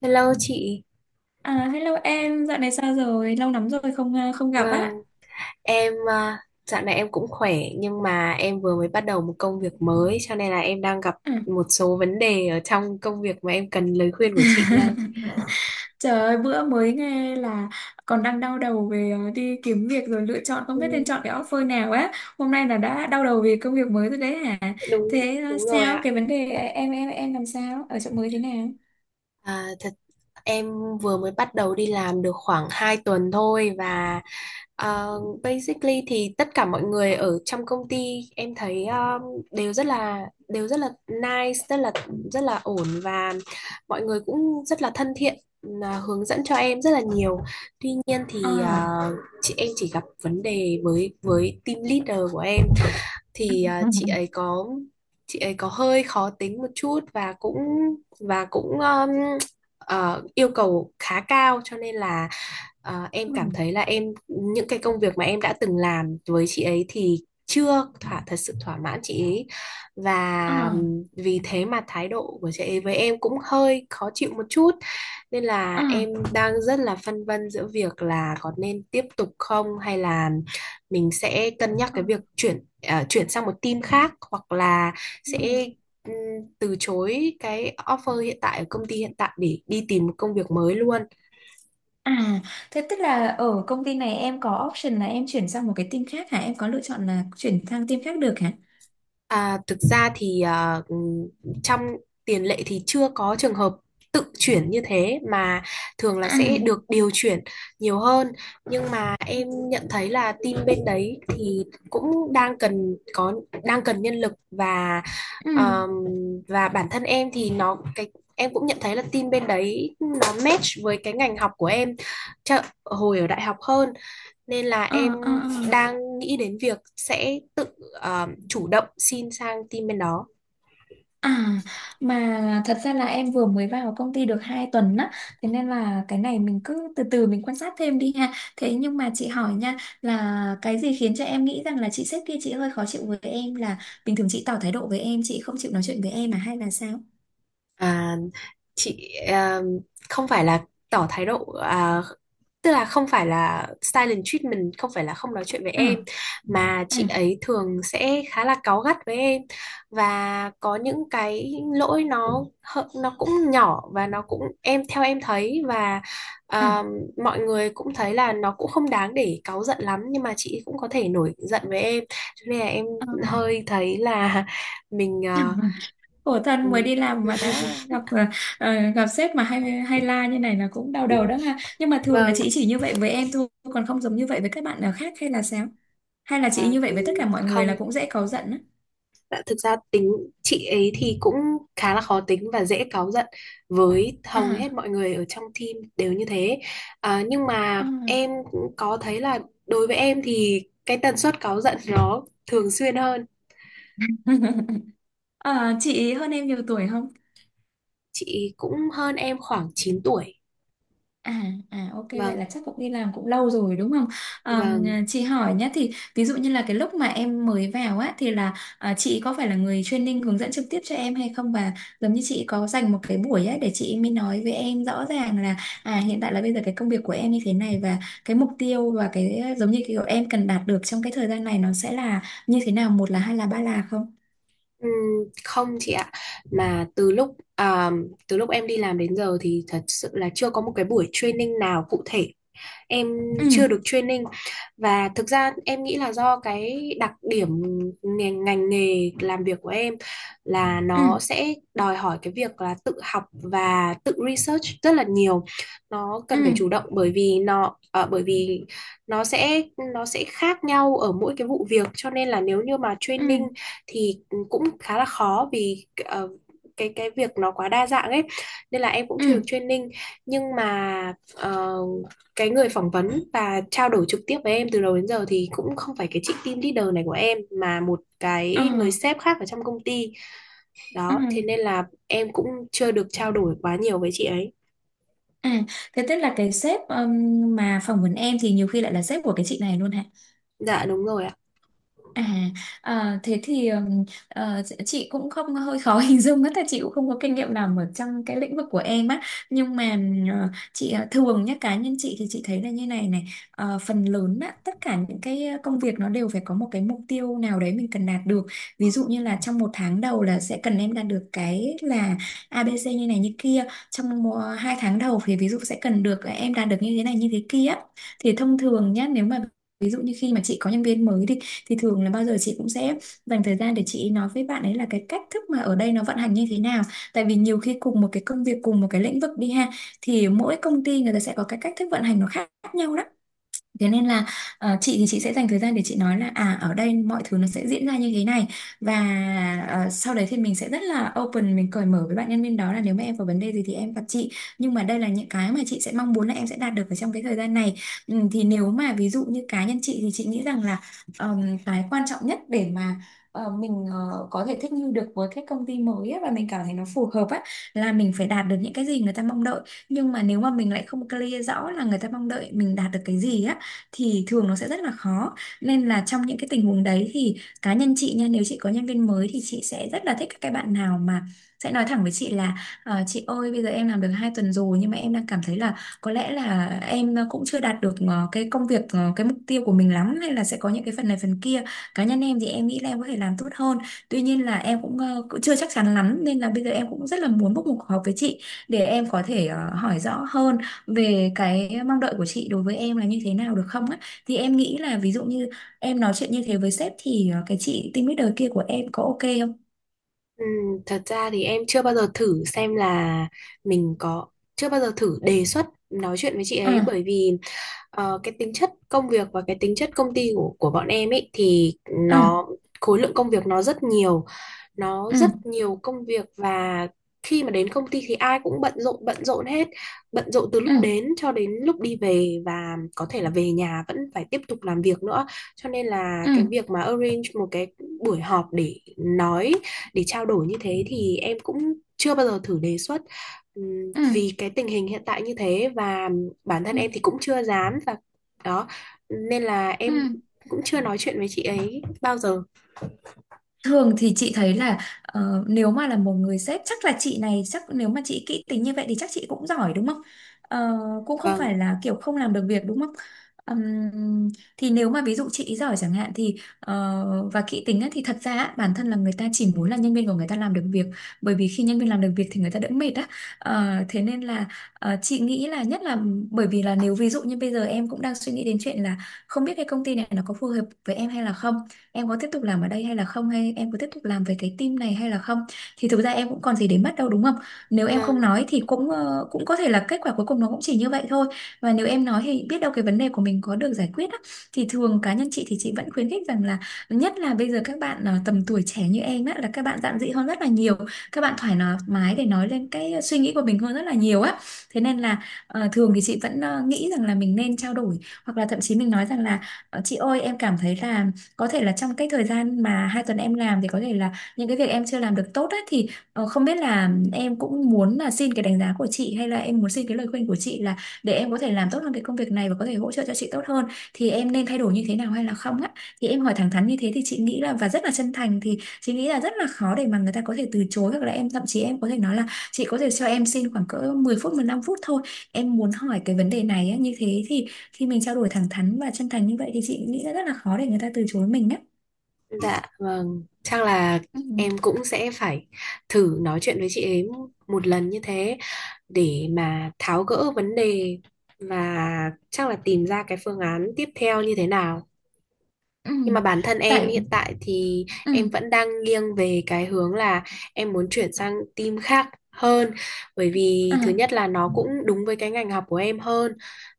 Hello chị. À, hello em, dạo này sao rồi? Lâu lắm rồi không gặp Vâng, á. em à, dạo này em cũng khỏe, nhưng mà em vừa mới bắt đầu một công việc mới cho nên là em đang gặp Ừ. một số vấn đề ở trong công việc mà em cần lời khuyên của chị đây. Trời ơi, bữa mới nghe là còn đang đau đầu về đi kiếm việc rồi lựa chọn không Ừ, biết nên chọn cái offer nào á. Hôm nay là đã đau đầu vì công việc mới rồi đấy hả? đúng Thế đúng rồi sao ạ. cái vấn đề em làm sao? Ở chỗ mới thế nào? Thật, em vừa mới bắt đầu đi làm được khoảng 2 tuần thôi. Và Ờ, basically thì tất cả mọi người ở trong công ty em thấy đều rất là nice, rất là ổn, và mọi người cũng rất là thân thiện, là hướng dẫn cho em rất là nhiều. Tuy nhiên thì Ờ. Chị em chỉ gặp vấn đề với team leader của em, thì chị ấy có hơi khó tính một chút, và cũng và cũng um, yêu cầu khá cao, cho nên là em Ừ. cảm thấy là em những cái công việc mà em đã từng làm với chị ấy thì chưa thật sự thỏa mãn chị ấy, Ờ. và vì thế mà thái độ của chị ấy với em cũng hơi khó chịu một chút, nên Ờ. là em đang rất là phân vân giữa việc là có nên tiếp tục không, hay là mình sẽ cân nhắc cái việc chuyển chuyển sang một team khác, hoặc là Ờ. sẽ ừm, từ chối cái offer hiện tại ở công ty hiện tại để đi tìm một công việc mới luôn. À, thế tức là ở công ty này em có option là em chuyển sang một cái team khác hả? Em có lựa chọn là chuyển sang team khác được hả? À, thực ra thì trong tiền lệ thì chưa có trường hợp tự chuyển như thế, mà thường là À, sẽ được điều chuyển nhiều hơn. Nhưng mà em nhận thấy là team bên đấy thì cũng đang cần có đang cần nhân lực, ừ, ờm, và bản thân em thì nó cái em cũng nhận thấy là team bên đấy nó match với cái ngành học của em chợ, hồi ở đại học hơn, nên là ờ, em ờ, ờ. đang nghĩ đến việc sẽ tự chủ động xin sang team bên đó. À, mà thật ra là em vừa mới vào công ty được 2 tuần á, thế nên là cái này mình cứ từ từ mình quan sát thêm đi ha. Thế nhưng mà chị hỏi nha, là cái gì khiến cho em nghĩ rằng là chị sếp kia chị hơi khó chịu với em, là bình thường chị tỏ thái độ với em, chị không chịu nói chuyện với em à hay là sao? À, chị không phải là tỏ thái độ, tức là không phải là silent treatment, không phải là không nói chuyện với Ừ, em, mà ừ, chị ấy thường sẽ khá là cáu gắt với em, và có những cái lỗi nó nó cũng nhỏ và nó cũng em theo em thấy, và ừ, à, mọi người cũng thấy là nó cũng không đáng để cáu giận lắm, nhưng mà chị cũng có thể nổi giận với em, cho nên là em hơi thấy là mình ừ. Khổ thân, mới ừ. đi làm mà đã gặp gặp sếp mà hay hay la như này là cũng đau đầu đó ha, nhưng mà thường là Vâng. chị chỉ như vậy với em thôi còn không giống như vậy với các bạn nào khác hay là sao, hay là chị À, như vậy với tất ừ, cả mọi người là không. cũng dễ cáu giận á? Dạ, thực ra tính chị ấy thì cũng khá là khó tính và dễ cáu giận, với hầu hết À, mọi người ở trong team đều như thế. À, nhưng à. mà em cũng có thấy là đối với em thì cái tần suất cáu giận nó thường xuyên hơn. Ờ, chị hơn em nhiều tuổi không? Chị cũng hơn em khoảng 9 tuổi. À, à ok, vậy Vâng. là chắc cũng đi làm cũng lâu rồi đúng không? Vâng. Chị hỏi nhé, thì ví dụ như là cái lúc mà em mới vào á thì là chị có phải là người training hướng dẫn trực tiếp cho em hay không, và giống như chị có dành một cái buổi á để chị mới nói với em rõ ràng là hiện tại là bây giờ cái công việc của em như thế này, và cái mục tiêu và cái, giống như kiểu em cần đạt được trong cái thời gian này nó sẽ là như thế nào, một là hai là ba là không? Ừm, không chị ạ, mà từ lúc từ lúc em đi làm đến giờ thì thật sự là chưa có một cái buổi training nào cụ thể, em chưa Ừ, được training. Và thực ra em nghĩ là do cái đặc điểm ngành nghề làm việc của em là ừ, nó sẽ đòi hỏi cái việc là tự học và tự research rất là nhiều, nó ừ, cần phải chủ động, bởi vì nó ờ, bởi vì nó sẽ khác nhau ở mỗi cái vụ việc, cho nên là nếu như mà ừ, training thì cũng khá là khó, vì cái việc nó quá đa dạng ấy, nên là em cũng chưa ừ, được training. Nhưng mà cái người phỏng vấn và trao đổi trực tiếp với em từ đầu đến giờ thì cũng không phải cái chị team leader này của em, mà một ờ, cái người ờ. sếp khác ở trong công ty Ừ. đó, thế nên là em cũng chưa được trao đổi quá nhiều với chị ấy. À, thế tức là cái sếp mà phỏng vấn em thì nhiều khi lại là sếp của cái chị này luôn hả? Dạ đúng rồi ạ. À, à thế thì chị cũng không hơi khó hình dung á, tại chị cũng không có kinh nghiệm làm ở trong cái lĩnh vực của em á, nhưng mà chị thường nhá, cá nhân chị thì chị thấy là như này này. Ờ, phần lớn á tất cả những cái công việc nó đều phải có một cái mục tiêu nào đấy mình cần đạt được. Ví dụ như là trong một tháng đầu là sẽ cần em đạt được cái là ABC như này như kia, trong một, hai tháng đầu thì ví dụ sẽ cần được em đạt được như thế này như thế kia, thì thông thường nhá, nếu mà ví dụ như khi mà chị có nhân viên mới thì thường là bao giờ chị cũng sẽ dành thời gian để chị nói với bạn ấy là cái cách thức mà ở đây nó vận hành như thế nào, tại vì nhiều khi cùng một cái công việc cùng một cái lĩnh vực đi ha, thì mỗi công ty người ta sẽ có cái cách thức vận hành nó khác nhau đó. Thế nên là chị thì chị sẽ dành thời gian để chị nói là à ở đây mọi thứ nó sẽ diễn ra như thế này, và sau đấy thì mình sẽ rất là open, mình cởi mở với bạn nhân viên đó là nếu mà em có vấn đề gì thì em gặp chị, nhưng mà đây là những cái mà chị sẽ mong muốn là em sẽ đạt được ở trong cái thời gian này. Ừ, thì nếu mà ví dụ như cá nhân chị thì chị nghĩ rằng là cái quan trọng nhất để mà mình có thể thích nghi được với cái công ty mới á, và mình cảm thấy nó phù hợp á, là mình phải đạt được những cái gì người ta mong đợi, nhưng mà nếu mà mình lại không clear rõ là người ta mong đợi mình đạt được cái gì á thì thường nó sẽ rất là khó. Nên là trong những cái tình huống đấy thì cá nhân chị nha, nếu chị có nhân viên mới thì chị sẽ rất là thích các cái bạn nào mà sẽ nói thẳng với chị là: "Ờ, chị ơi, bây giờ em làm được 2 tuần rồi nhưng mà em đang cảm thấy là có lẽ là em cũng chưa đạt được cái công việc, cái mục tiêu của mình lắm, hay là sẽ có những cái phần này phần kia. Cá nhân em thì em nghĩ là em có thể làm tốt hơn, tuy nhiên là em cũng chưa chắc chắn lắm, nên là bây giờ em cũng rất là muốn book một cuộc họp với chị để em có thể hỏi rõ hơn về cái mong đợi của chị đối với em là như thế nào được không á." Thì em nghĩ là ví dụ như em nói chuyện như thế với sếp thì cái chị team leader kia của em có ok không? Thật ra thì em chưa bao giờ thử xem là mình có, chưa bao giờ thử đề xuất nói chuyện với chị Ừ, ấy, bởi vì cái tính chất công việc và cái tính chất công ty của bọn em ấy, thì ừ, nó khối lượng công việc nó rất nhiều, nó ừ, rất nhiều công việc, và khi mà đến công ty thì ai cũng bận rộn hết, bận rộn từ ừ, lúc đến cho đến lúc đi về, và có thể là về nhà vẫn phải tiếp tục làm việc nữa, cho nên là ừ, cái việc mà arrange một cái buổi họp để nói, để trao đổi như thế, thì em cũng chưa bao giờ thử đề xuất. Ừ, Vì cái tình hình hiện tại như thế, và bản thân ừ, em thì cũng chưa dám, và đó, nên là ừ. em cũng chưa nói chuyện với chị ấy bao giờ. Thường thì chị thấy là nếu mà là một người sếp, chắc là chị này chắc nếu mà chị kỹ tính như vậy thì chắc chị cũng giỏi đúng không? Ờ, cũng không Vâng. phải là kiểu không làm được việc đúng không? Ừm, thì nếu mà ví dụ chị giỏi chẳng hạn thì và kỹ tính á, thì thật ra á, bản thân là người ta chỉ muốn là nhân viên của người ta làm được việc, bởi vì khi nhân viên làm được việc thì người ta đỡ mệt á. Ờ, thế nên là chị nghĩ là nhất là, bởi vì là nếu ví dụ như bây giờ em cũng đang suy nghĩ đến chuyện là không biết cái công ty này nó có phù hợp với em hay là không, em có tiếp tục làm ở đây hay là không, hay em có tiếp tục làm về cái team này hay là không, thì thực ra em cũng còn gì để mất đâu đúng không. Nếu em Vâng. không nói thì cũng có thể là kết quả cuối cùng nó cũng chỉ như vậy thôi, và nếu em nói thì biết đâu cái vấn đề của mình có được giải quyết á. Thì thường cá nhân chị thì chị vẫn khuyến khích rằng là, nhất là bây giờ các bạn tầm tuổi trẻ như em á là các bạn dạn dĩ hơn rất là nhiều, các bạn thoải mái để nói lên cái suy nghĩ của mình hơn rất là nhiều á, thế nên là thường thì chị vẫn nghĩ rằng là mình nên trao đổi, hoặc là thậm chí mình nói rằng là: "Ờ, chị ơi em cảm thấy là có thể là trong cái thời gian mà hai tuần em làm thì có thể là những cái việc em chưa làm được tốt ấy, thì không biết là em cũng muốn là xin cái đánh giá của chị, hay là em muốn xin cái lời khuyên của chị là để em có thể làm tốt hơn cái công việc này và có thể hỗ trợ cho chị tốt hơn thì em nên thay đổi như thế nào hay là không á." Thì em hỏi thẳng thắn như thế thì chị nghĩ là, và rất là chân thành, thì chị nghĩ là rất là khó để mà người ta có thể từ chối. Hoặc là em thậm chí em có thể nói là chị có thể cho em xin khoảng cỡ 10 phút 15 phút thôi, em muốn hỏi cái vấn đề này á, như thế thì khi mình trao đổi thẳng thắn và chân thành như vậy thì chị nghĩ là rất là khó để người ta từ chối mình á. Dạ vâng, chắc là Ừ, em cũng sẽ phải thử nói chuyện với chị ấy một lần như thế, để mà tháo gỡ vấn đề, và chắc là tìm ra cái phương án tiếp theo như thế nào. ừ, Nhưng mà bản thân em tại hiện tại thì ừ, em vẫn đang nghiêng về cái hướng là em muốn chuyển sang team khác hơn, bởi vì thứ ừ, nhất là nó cũng đúng với cái ngành học của em hơn,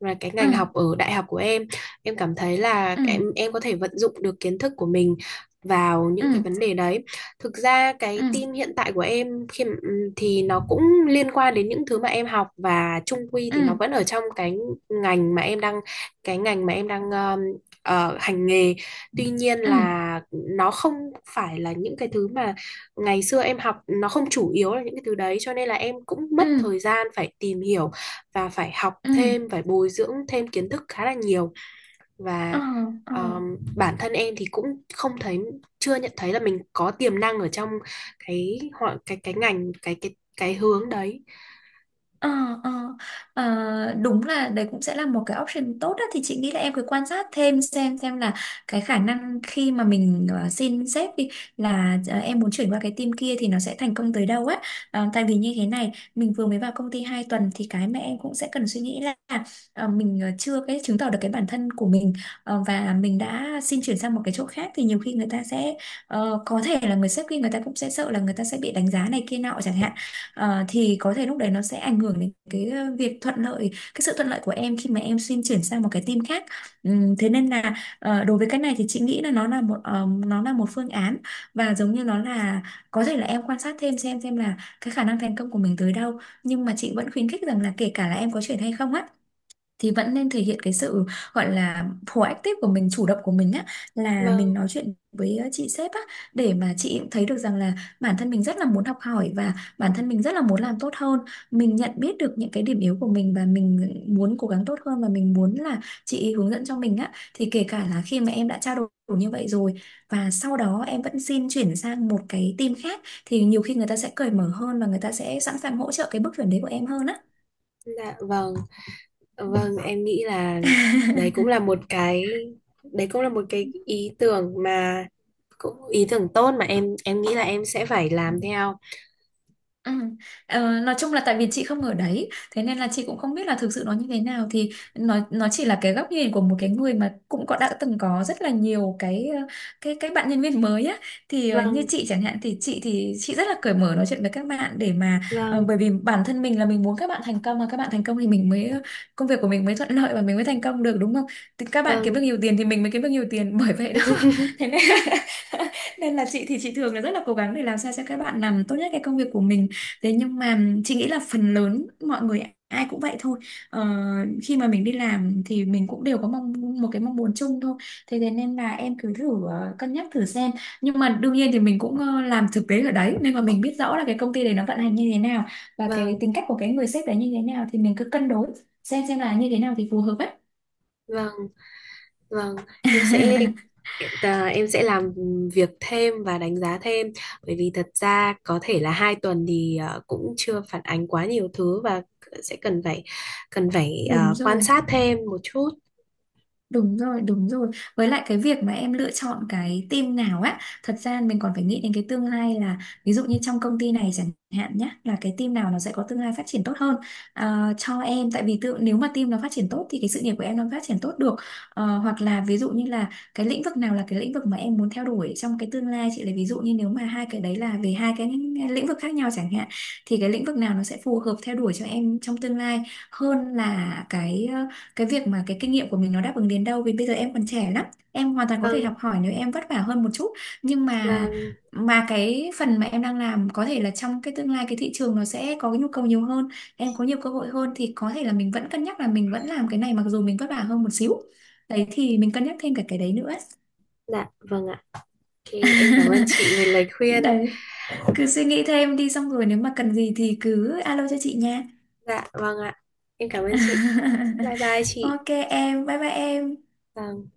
và cái ừ, ngành học ở đại học của em cảm thấy là ừ, em có thể vận dụng được kiến thức của mình vào những cái ừ, vấn đề đấy. Thực ra ừ, cái ừ, team hiện tại của em khi mà- thì nó cũng liên quan đến những thứ mà em học, và chung quy thì nó ừ, vẫn ở trong cái ngành mà em đang, cái ngành mà em đang ờ, hành nghề. Tuy nhiên ừ, là nó không phải là những cái thứ mà ngày xưa em học, nó không chủ yếu là những cái thứ đấy, cho nên là em cũng mất ừ, thời gian phải tìm hiểu, và phải học ừ, thêm, phải bồi dưỡng thêm kiến thức khá là nhiều, ờ, và ờ. Bản thân em thì cũng không thấy, chưa nhận thấy là mình có tiềm năng ở trong cái họ cái ngành cái hướng đấy. Ờ, ờ, ờ, đúng là đấy cũng sẽ là một cái option tốt đó. Thì chị nghĩ là em cứ quan sát thêm xem là cái khả năng khi mà mình xin sếp đi, là em muốn chuyển qua cái team kia thì nó sẽ thành công tới đâu á. Tại vì như thế này, mình vừa mới vào công ty 2 tuần, thì cái mà em cũng sẽ cần suy nghĩ là mình chưa cái chứng tỏ được cái bản thân của mình. Và mình đã xin chuyển sang một cái chỗ khác thì nhiều khi người ta sẽ có thể là người sếp kia người ta cũng sẽ sợ là người ta sẽ bị đánh giá này kia nọ chẳng hạn. Thì có thể lúc đấy nó sẽ ảnh hưởng đến cái việc thuận lợi cái sự thuận lợi của em khi mà em xin chuyển sang một cái team khác. Thế nên là đối với cái này thì chị nghĩ là nó là một phương án. Và giống như nó là, có thể là em quan sát thêm xem là cái khả năng thành công của mình tới đâu, nhưng mà chị vẫn khuyến khích rằng là kể cả là em có chuyển hay không á, thì vẫn nên thể hiện cái sự gọi là proactive của mình, chủ động của mình á. Là mình Vâng. nói chuyện với chị sếp á, để mà chị cũng thấy được rằng là bản thân mình rất là muốn học hỏi và bản thân mình rất là muốn làm tốt hơn, mình nhận biết được những cái điểm yếu của mình và mình muốn cố gắng tốt hơn, và mình muốn là chị hướng dẫn cho mình á. Thì kể cả là khi mà em đã trao đổi như vậy rồi và sau đó em vẫn xin chuyển sang một cái team khác, thì nhiều khi người ta sẽ cởi mở hơn và người ta sẽ sẵn sàng hỗ trợ cái bước chuyển đấy của em hơn á. Dạ vâng. Ừ. Vâng, em nghĩ là đấy cũng là một cái, ý tưởng mà cũng ý tưởng tốt, mà em nghĩ là em sẽ phải làm theo. Ừ. Nói chung là tại vì chị không ở đấy, thế nên là chị cũng không biết là thực sự nó như thế nào. Thì nó chỉ là cái góc nhìn của một cái người mà cũng có đã từng có rất là nhiều cái cái bạn nhân viên mới á. Thì như Vâng, chị chẳng hạn, thì chị rất là cởi mở nói chuyện với các bạn để mà vâng, bởi vì bản thân mình là mình muốn các bạn thành công, mà các bạn thành công thì mình mới công việc của mình mới thuận lợi và mình mới thành công được, đúng không? Thì các bạn kiếm được vâng. nhiều tiền thì mình mới kiếm được nhiều tiền, bởi vậy đó. Thế nên nên là chị thường là rất là cố gắng để làm sao cho các bạn làm tốt nhất cái công việc của mình. Thế nhưng mà chị nghĩ là phần lớn mọi người ai cũng vậy thôi. Ờ, Khi mà mình đi làm thì mình cũng đều có mong một cái mong muốn chung thôi. Thế thế nên là em cứ thử cân nhắc thử xem. Nhưng mà đương nhiên thì mình cũng làm thực tế ở đấy nên mà mình biết rõ là cái công ty đấy nó vận hành như thế nào và cái Vâng, tính cách của cái người sếp đấy như thế nào, thì mình cứ cân đối xem là như thế nào thì phù hợp ấy. vâng, vâng. Em sẽ em sẽ làm việc thêm và đánh giá thêm, bởi vì thật ra có thể là 2 tuần thì cũng chưa phản ánh quá nhiều thứ, và sẽ cần phải Đúng quan rồi. sát thêm một chút. Đúng rồi, đúng rồi. Với lại cái việc mà em lựa chọn cái team nào á, thật ra mình còn phải nghĩ đến cái tương lai, là ví dụ như trong công ty này chẳng hạn nhá, là cái team nào nó sẽ có tương lai phát triển tốt hơn, à, cho em. Tại vì tự nếu mà team nó phát triển tốt thì cái sự nghiệp của em nó phát triển tốt được. Hoặc là ví dụ như là cái lĩnh vực nào là cái lĩnh vực mà em muốn theo đuổi trong cái tương lai. Chị lấy ví dụ như nếu mà hai cái đấy là về hai cái lĩnh vực khác nhau chẳng hạn, thì cái lĩnh vực nào nó sẽ phù hợp theo đuổi cho em trong tương lai, hơn là cái cái việc mà cái kinh nghiệm của mình nó đáp ứng đến đâu. Vì bây giờ em còn trẻ lắm, em hoàn toàn có thể Vâng, học hỏi nếu em vất vả hơn một chút. Nhưng mà vâng, cái phần mà em đang làm có thể là trong cái tương lai cái thị trường nó sẽ có cái nhu cầu nhiều hơn, em có nhiều cơ hội hơn, thì có thể là mình vẫn cân nhắc là mình vẫn làm cái này mặc dù mình vất vả hơn một xíu. Đấy, thì mình cân nhắc thêm cả cái đấy nữa. dạ, vâng ạ. Ok, em cảm ơn chị về lời khuyên. Đấy, cứ suy nghĩ thêm đi xong rồi nếu mà cần gì thì cứ alo cho chị nha. Dạ, vâng ạ. Em cảm ơn chị. Bye bye chị. Ok em, bye bye em. Vâng.